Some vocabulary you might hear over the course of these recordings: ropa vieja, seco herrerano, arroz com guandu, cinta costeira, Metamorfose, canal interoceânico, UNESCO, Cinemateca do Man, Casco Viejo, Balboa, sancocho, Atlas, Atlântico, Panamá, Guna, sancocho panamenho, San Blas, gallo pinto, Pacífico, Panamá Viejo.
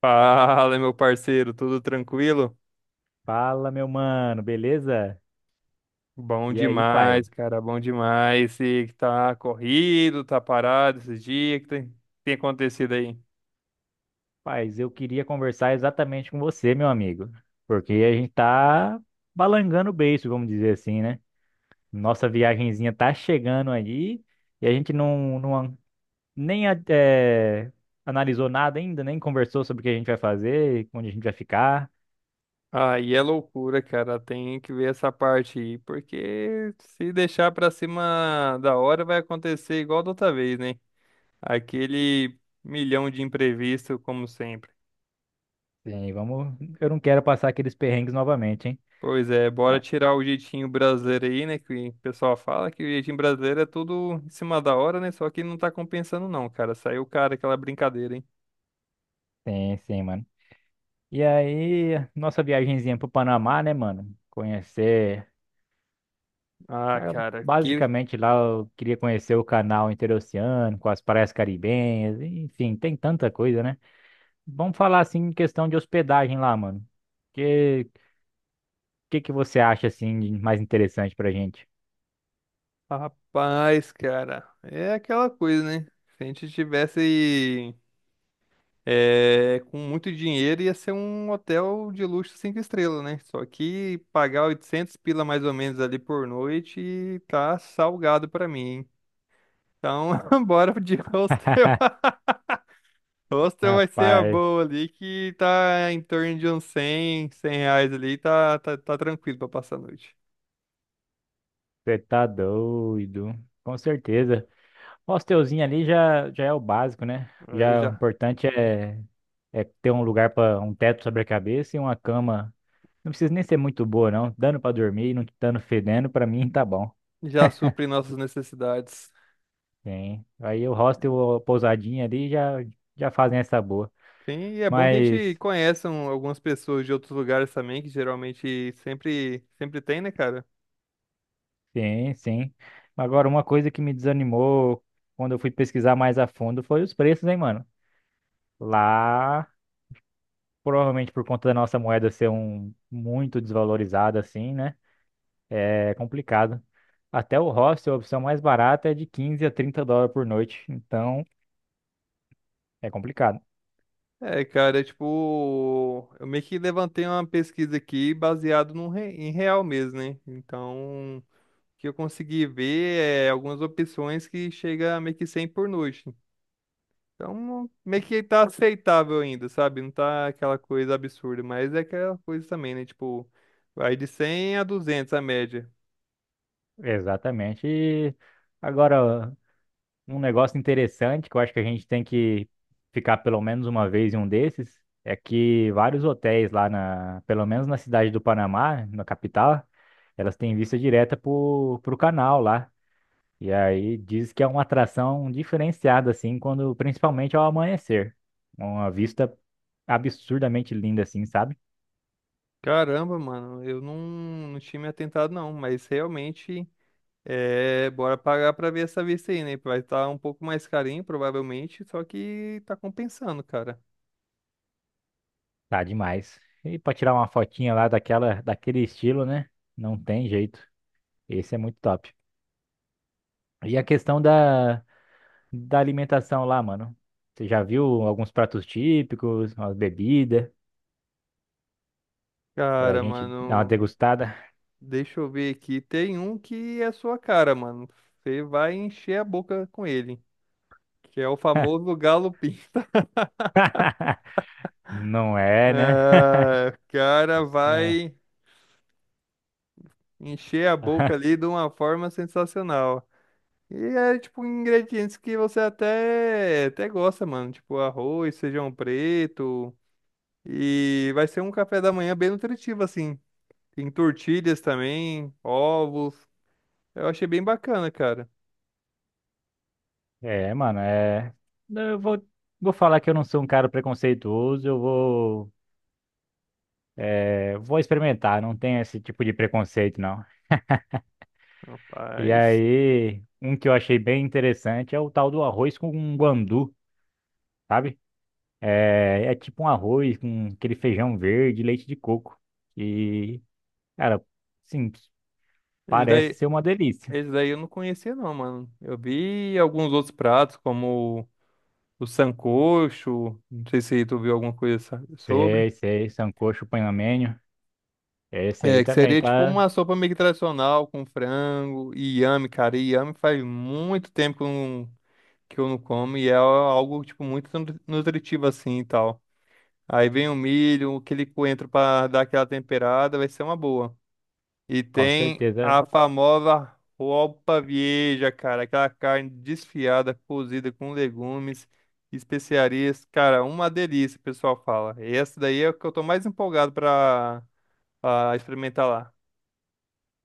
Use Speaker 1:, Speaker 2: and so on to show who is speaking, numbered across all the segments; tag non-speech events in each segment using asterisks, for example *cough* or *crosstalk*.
Speaker 1: Fala, meu parceiro, tudo tranquilo?
Speaker 2: Fala, meu mano, beleza?
Speaker 1: Bom
Speaker 2: E aí, pai?
Speaker 1: demais, cara, bom demais. Sei que tá corrido, tá parado esses dias, que tem, tem acontecido aí?
Speaker 2: Paz, eu queria conversar exatamente com você, meu amigo, porque a gente tá balangando o beiço, vamos dizer assim, né? Nossa viagenzinha tá chegando aí e a gente não nem a- eh, analisou nada ainda, nem conversou sobre o que a gente vai fazer, onde a gente vai ficar.
Speaker 1: Aí é loucura, cara, tem que ver essa parte aí, porque se deixar pra cima da hora vai acontecer igual da outra vez, né? Aquele milhão de imprevisto, como sempre.
Speaker 2: Sim, vamos. Eu não quero passar aqueles perrengues novamente, hein?
Speaker 1: Pois é, bora
Speaker 2: Ah,
Speaker 1: tirar o jeitinho brasileiro aí, né? Que o pessoal fala que o jeitinho brasileiro é tudo em cima da hora, né? Só que não tá compensando, não, cara. Saiu, o cara, aquela brincadeira, hein?
Speaker 2: sim, sim, mano. E aí, nossa viagenzinha pro Panamá, né, mano? Conhecer.
Speaker 1: Ah,
Speaker 2: Ah,
Speaker 1: cara, que
Speaker 2: basicamente lá eu queria conhecer o canal interoceânico, com as praias caribenhas, enfim, tem tanta coisa, né? Vamos falar assim em questão de hospedagem lá, mano. Que que você acha assim de mais interessante pra gente?
Speaker 1: rapaz, cara. É aquela coisa, né? Se a gente tivesse com muito dinheiro, ia ser um hotel de luxo cinco estrelas, né? Só que pagar 800 pila mais ou menos ali por noite tá salgado pra mim, hein? Então, *laughs* bora de hostel. Hostel vai ser a
Speaker 2: Rapaz,
Speaker 1: boa ali, que tá em torno de uns 100, 100 reais ali, tá tranquilo pra passar a noite.
Speaker 2: você tá doido. Com certeza. O hostelzinho ali já já é o básico, né?
Speaker 1: Aí
Speaker 2: Já o
Speaker 1: já,
Speaker 2: importante é ter um lugar para um teto sobre a cabeça e uma cama. Não precisa nem ser muito boa, não. Dando pra dormir, e não dando fedendo, pra mim tá bom.
Speaker 1: já supre nossas necessidades.
Speaker 2: Sim. Aí o hostel, ou pousadinha ali já, já fazem essa boa.
Speaker 1: Sim, e é bom que a
Speaker 2: Mas,
Speaker 1: gente conheça algumas pessoas de outros lugares também, que geralmente sempre tem, né, cara?
Speaker 2: sim, sim. Agora, uma coisa que me desanimou quando eu fui pesquisar mais a fundo foi os preços, hein, mano? Lá, provavelmente por conta da nossa moeda ser um muito desvalorizada, assim, né? É complicado. Até o hostel, a opção mais barata é de 15 a 30 dólares por noite. Então, é complicado.
Speaker 1: É, cara, é tipo, eu meio que levantei uma pesquisa aqui baseado em real mesmo, né? Então, o que eu consegui ver é algumas opções que chega a meio que 100 por noite. Então, meio que tá aceitável ainda, sabe? Não tá aquela coisa absurda, mas é aquela coisa também, né? Tipo, vai de 100 a 200 a média.
Speaker 2: Exatamente. E agora, um negócio interessante que eu acho que a gente tem que ficar pelo menos uma vez em um desses é que vários hotéis lá pelo menos na cidade do Panamá, na capital, elas têm vista direta pro canal lá. E aí diz que é uma atração diferenciada assim, quando principalmente ao amanhecer. Uma vista absurdamente linda assim, sabe?
Speaker 1: Caramba, mano, eu não, não tinha me atentado não, mas realmente, bora pagar pra ver essa vista aí, né? Vai estar um pouco mais carinho, provavelmente, só que tá compensando, cara.
Speaker 2: Tá demais. E pra tirar uma fotinha lá daquela daquele estilo, né? Não tem jeito. Esse é muito top. E a questão da alimentação lá, mano? Você já viu alguns pratos típicos, umas bebidas, pra
Speaker 1: Cara,
Speaker 2: gente dar uma
Speaker 1: mano,
Speaker 2: degustada?
Speaker 1: deixa eu ver aqui. Tem um que é sua cara, mano. Você vai encher a boca com ele, que é o famoso galo pinto.
Speaker 2: *laughs* Não é, né?
Speaker 1: Ah, o cara
Speaker 2: Ah.
Speaker 1: vai encher a boca
Speaker 2: *laughs*
Speaker 1: ali de uma forma sensacional. E é tipo ingredientes que você até gosta, mano. Tipo arroz, feijão preto. E vai ser um café da manhã bem nutritivo, assim. Tem tortilhas também, ovos. Eu achei bem bacana, cara.
Speaker 2: É, mano, é. Eu vou, vou falar que eu não sou um cara preconceituoso, eu vou, vou experimentar, não tem esse tipo de preconceito, não. E
Speaker 1: Rapaz.
Speaker 2: aí, um que eu achei bem interessante é o tal do arroz com guandu, sabe? É, é tipo um arroz com aquele feijão verde, e leite de coco. E cara, sim,
Speaker 1: Esse
Speaker 2: parece
Speaker 1: daí,
Speaker 2: ser uma delícia.
Speaker 1: esse daí eu não conhecia, não, mano. Eu vi alguns outros pratos, como o sancocho. Não sei se tu viu alguma coisa sobre.
Speaker 2: Sei, sei, sancocho panamenho. Esse aí
Speaker 1: É, que
Speaker 2: também
Speaker 1: seria tipo
Speaker 2: tá,
Speaker 1: uma sopa meio que tradicional com frango e inhame, cara. E inhame faz muito tempo que eu não como e é algo tipo muito nutritivo assim e tal. Aí vem o milho, aquele coentro pra dar aquela temperada, vai ser uma boa. E
Speaker 2: com
Speaker 1: tem
Speaker 2: certeza.
Speaker 1: a famosa roupa vieja, cara, aquela carne desfiada, cozida com legumes, especiarias, cara, uma delícia, o pessoal fala. Essa daí é o que eu tô mais empolgado pra experimentar lá.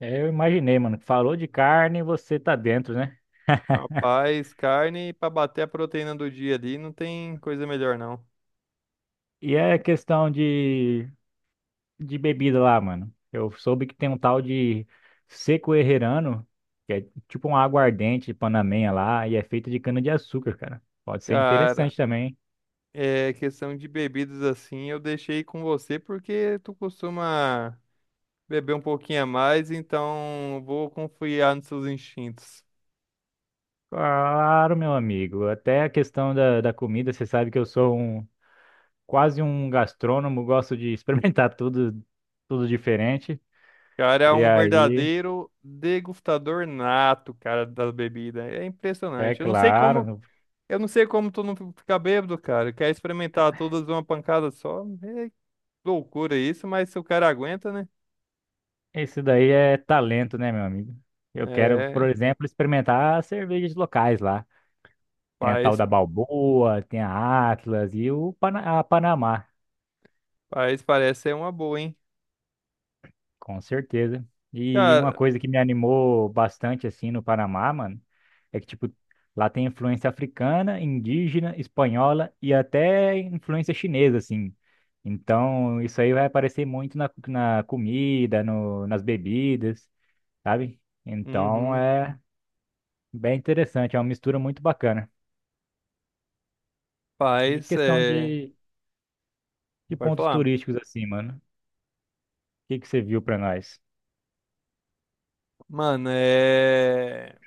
Speaker 2: É, eu imaginei, mano. Falou de carne, você tá dentro, né?
Speaker 1: Rapaz, carne pra bater a proteína do dia ali, não tem coisa melhor não.
Speaker 2: E é questão de bebida lá, mano. Eu soube que tem um tal de seco herrerano, que é tipo uma aguardente panamenha lá, e é feita de cana-de-açúcar, cara. Pode ser
Speaker 1: Cara,
Speaker 2: interessante também.
Speaker 1: é questão de bebidas assim, eu deixei com você porque tu costuma beber um pouquinho a mais, então vou confiar nos seus instintos.
Speaker 2: Claro, meu amigo. Até a questão da comida, você sabe que eu sou um. Quase um gastrônomo, *laughs* gosto de experimentar *laughs* tudo, tudo diferente.
Speaker 1: Cara, é
Speaker 2: E
Speaker 1: um
Speaker 2: aí,
Speaker 1: verdadeiro degustador nato, cara, da bebida. É
Speaker 2: é
Speaker 1: impressionante.
Speaker 2: claro,
Speaker 1: Eu não sei como tu não fica bêbado, cara. Quer experimentar todas de uma pancada só? É loucura isso, mas se o cara aguenta, né?
Speaker 2: isso daí é talento, né, meu amigo? Eu quero, por
Speaker 1: É,
Speaker 2: exemplo, experimentar as cervejas locais lá. Tem a tal
Speaker 1: Paz,
Speaker 2: da Balboa, tem a Atlas e o a Panamá.
Speaker 1: paz parece ser uma boa, hein?
Speaker 2: Com certeza. E uma
Speaker 1: Cara,
Speaker 2: coisa que me animou bastante assim no Panamá, mano, é que tipo lá tem influência africana, indígena, espanhola e até influência chinesa assim. Então, isso aí vai aparecer muito na comida, no, nas bebidas, sabe? Então,
Speaker 1: uhum.
Speaker 2: é bem interessante, é uma mistura muito bacana. E
Speaker 1: Paz
Speaker 2: questão
Speaker 1: é.
Speaker 2: de
Speaker 1: Pode
Speaker 2: pontos
Speaker 1: falar.
Speaker 2: turísticos assim, mano. O que você viu pra nós?
Speaker 1: Mano, é.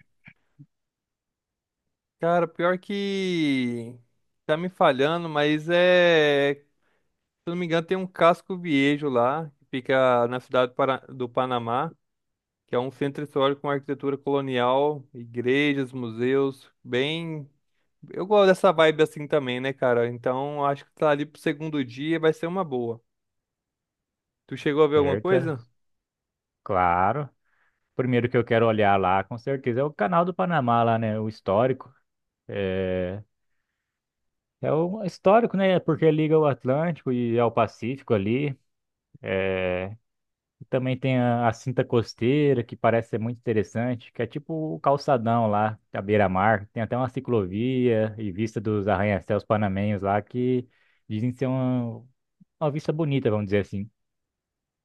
Speaker 1: Cara, pior que. Tá me falhando, mas é. Se eu não me engano, tem um Casco Viejo lá, que fica na cidade do do Panamá, que é um centro histórico com arquitetura colonial, igrejas, museus, bem. Eu gosto dessa vibe assim também, né, cara? Então acho que tá ali pro segundo dia, vai ser uma boa. Tu chegou a ver alguma
Speaker 2: Certa?
Speaker 1: coisa?
Speaker 2: Claro. Primeiro que eu quero olhar lá, com certeza, é o canal do Panamá lá, né? O histórico. É o histórico, né? Porque liga o Atlântico e ao Pacífico ali. E também tem a cinta costeira, que parece ser muito interessante, que é tipo o calçadão lá, à beira-mar. Tem até uma ciclovia e vista dos arranha-céus panamenhos lá, que dizem ser uma vista bonita, vamos dizer assim.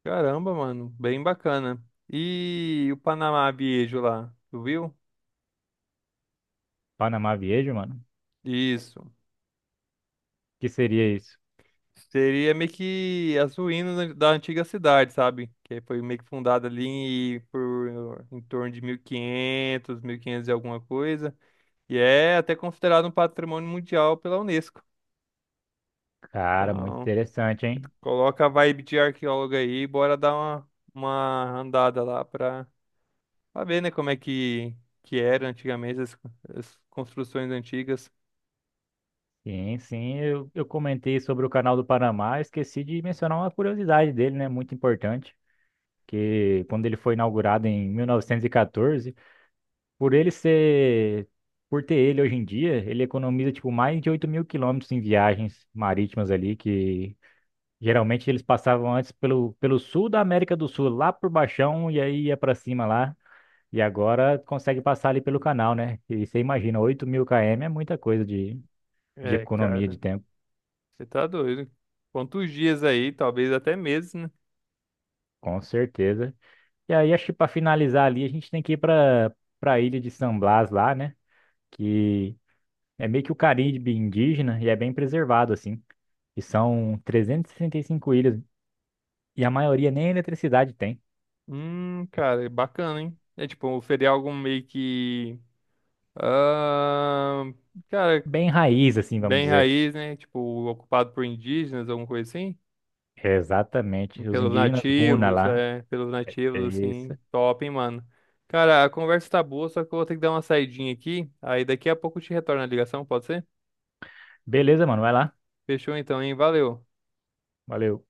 Speaker 1: Caramba, mano, bem bacana. E o Panamá Biejo lá, tu viu?
Speaker 2: Panamá Viejo, mano.
Speaker 1: Isso.
Speaker 2: Que seria isso?
Speaker 1: Seria meio que as ruínas da antiga cidade, sabe? Que foi meio que fundada ali por em torno de 1500, 1500 e quinhentos e alguma coisa. E é até considerado um patrimônio mundial pela Unesco.
Speaker 2: Cara, muito
Speaker 1: Então,
Speaker 2: interessante, hein?
Speaker 1: coloca a vibe de arqueólogo aí, e bora dar uma andada lá pra ver, né, que era antigamente as construções antigas.
Speaker 2: Sim, sim, eu comentei sobre o canal do Panamá, esqueci de mencionar uma curiosidade dele, né, muito importante, que quando ele foi inaugurado em 1914, por ele ser, por ter ele hoje em dia, ele economiza, tipo, mais de 8 mil quilômetros em viagens marítimas ali, que geralmente eles passavam antes pelo sul da América do Sul, lá por Baixão, e aí ia pra cima lá, e agora consegue passar ali pelo canal, né, e você imagina, oito mil km é muita coisa de
Speaker 1: É,
Speaker 2: economia de
Speaker 1: cara,
Speaker 2: tempo,
Speaker 1: você tá doido. Quantos dias aí, talvez até meses, né?
Speaker 2: com certeza. E aí, acho que para finalizar ali, a gente tem que ir para a ilha de San Blas lá, né? Que é meio que o Caribe indígena e é bem preservado, assim. E são e 65 ilhas e a maioria nem eletricidade tem.
Speaker 1: Cara, é bacana, hein? É tipo, feriar algum meio que. Ah, cara,
Speaker 2: Bem raiz, assim, vamos
Speaker 1: bem
Speaker 2: dizer.
Speaker 1: raiz, né? Tipo, ocupado por indígenas, alguma coisa assim.
Speaker 2: É exatamente. Os
Speaker 1: Pelos
Speaker 2: indígenas Guna
Speaker 1: nativos,
Speaker 2: lá.
Speaker 1: é. Pelos
Speaker 2: É
Speaker 1: nativos, assim.
Speaker 2: isso.
Speaker 1: Top, hein, mano? Cara, a conversa tá boa, só que eu vou ter que dar uma saidinha aqui. Aí daqui a pouco eu te retorno a ligação, pode ser?
Speaker 2: Beleza, mano, vai lá.
Speaker 1: Fechou então, hein? Valeu.
Speaker 2: Valeu.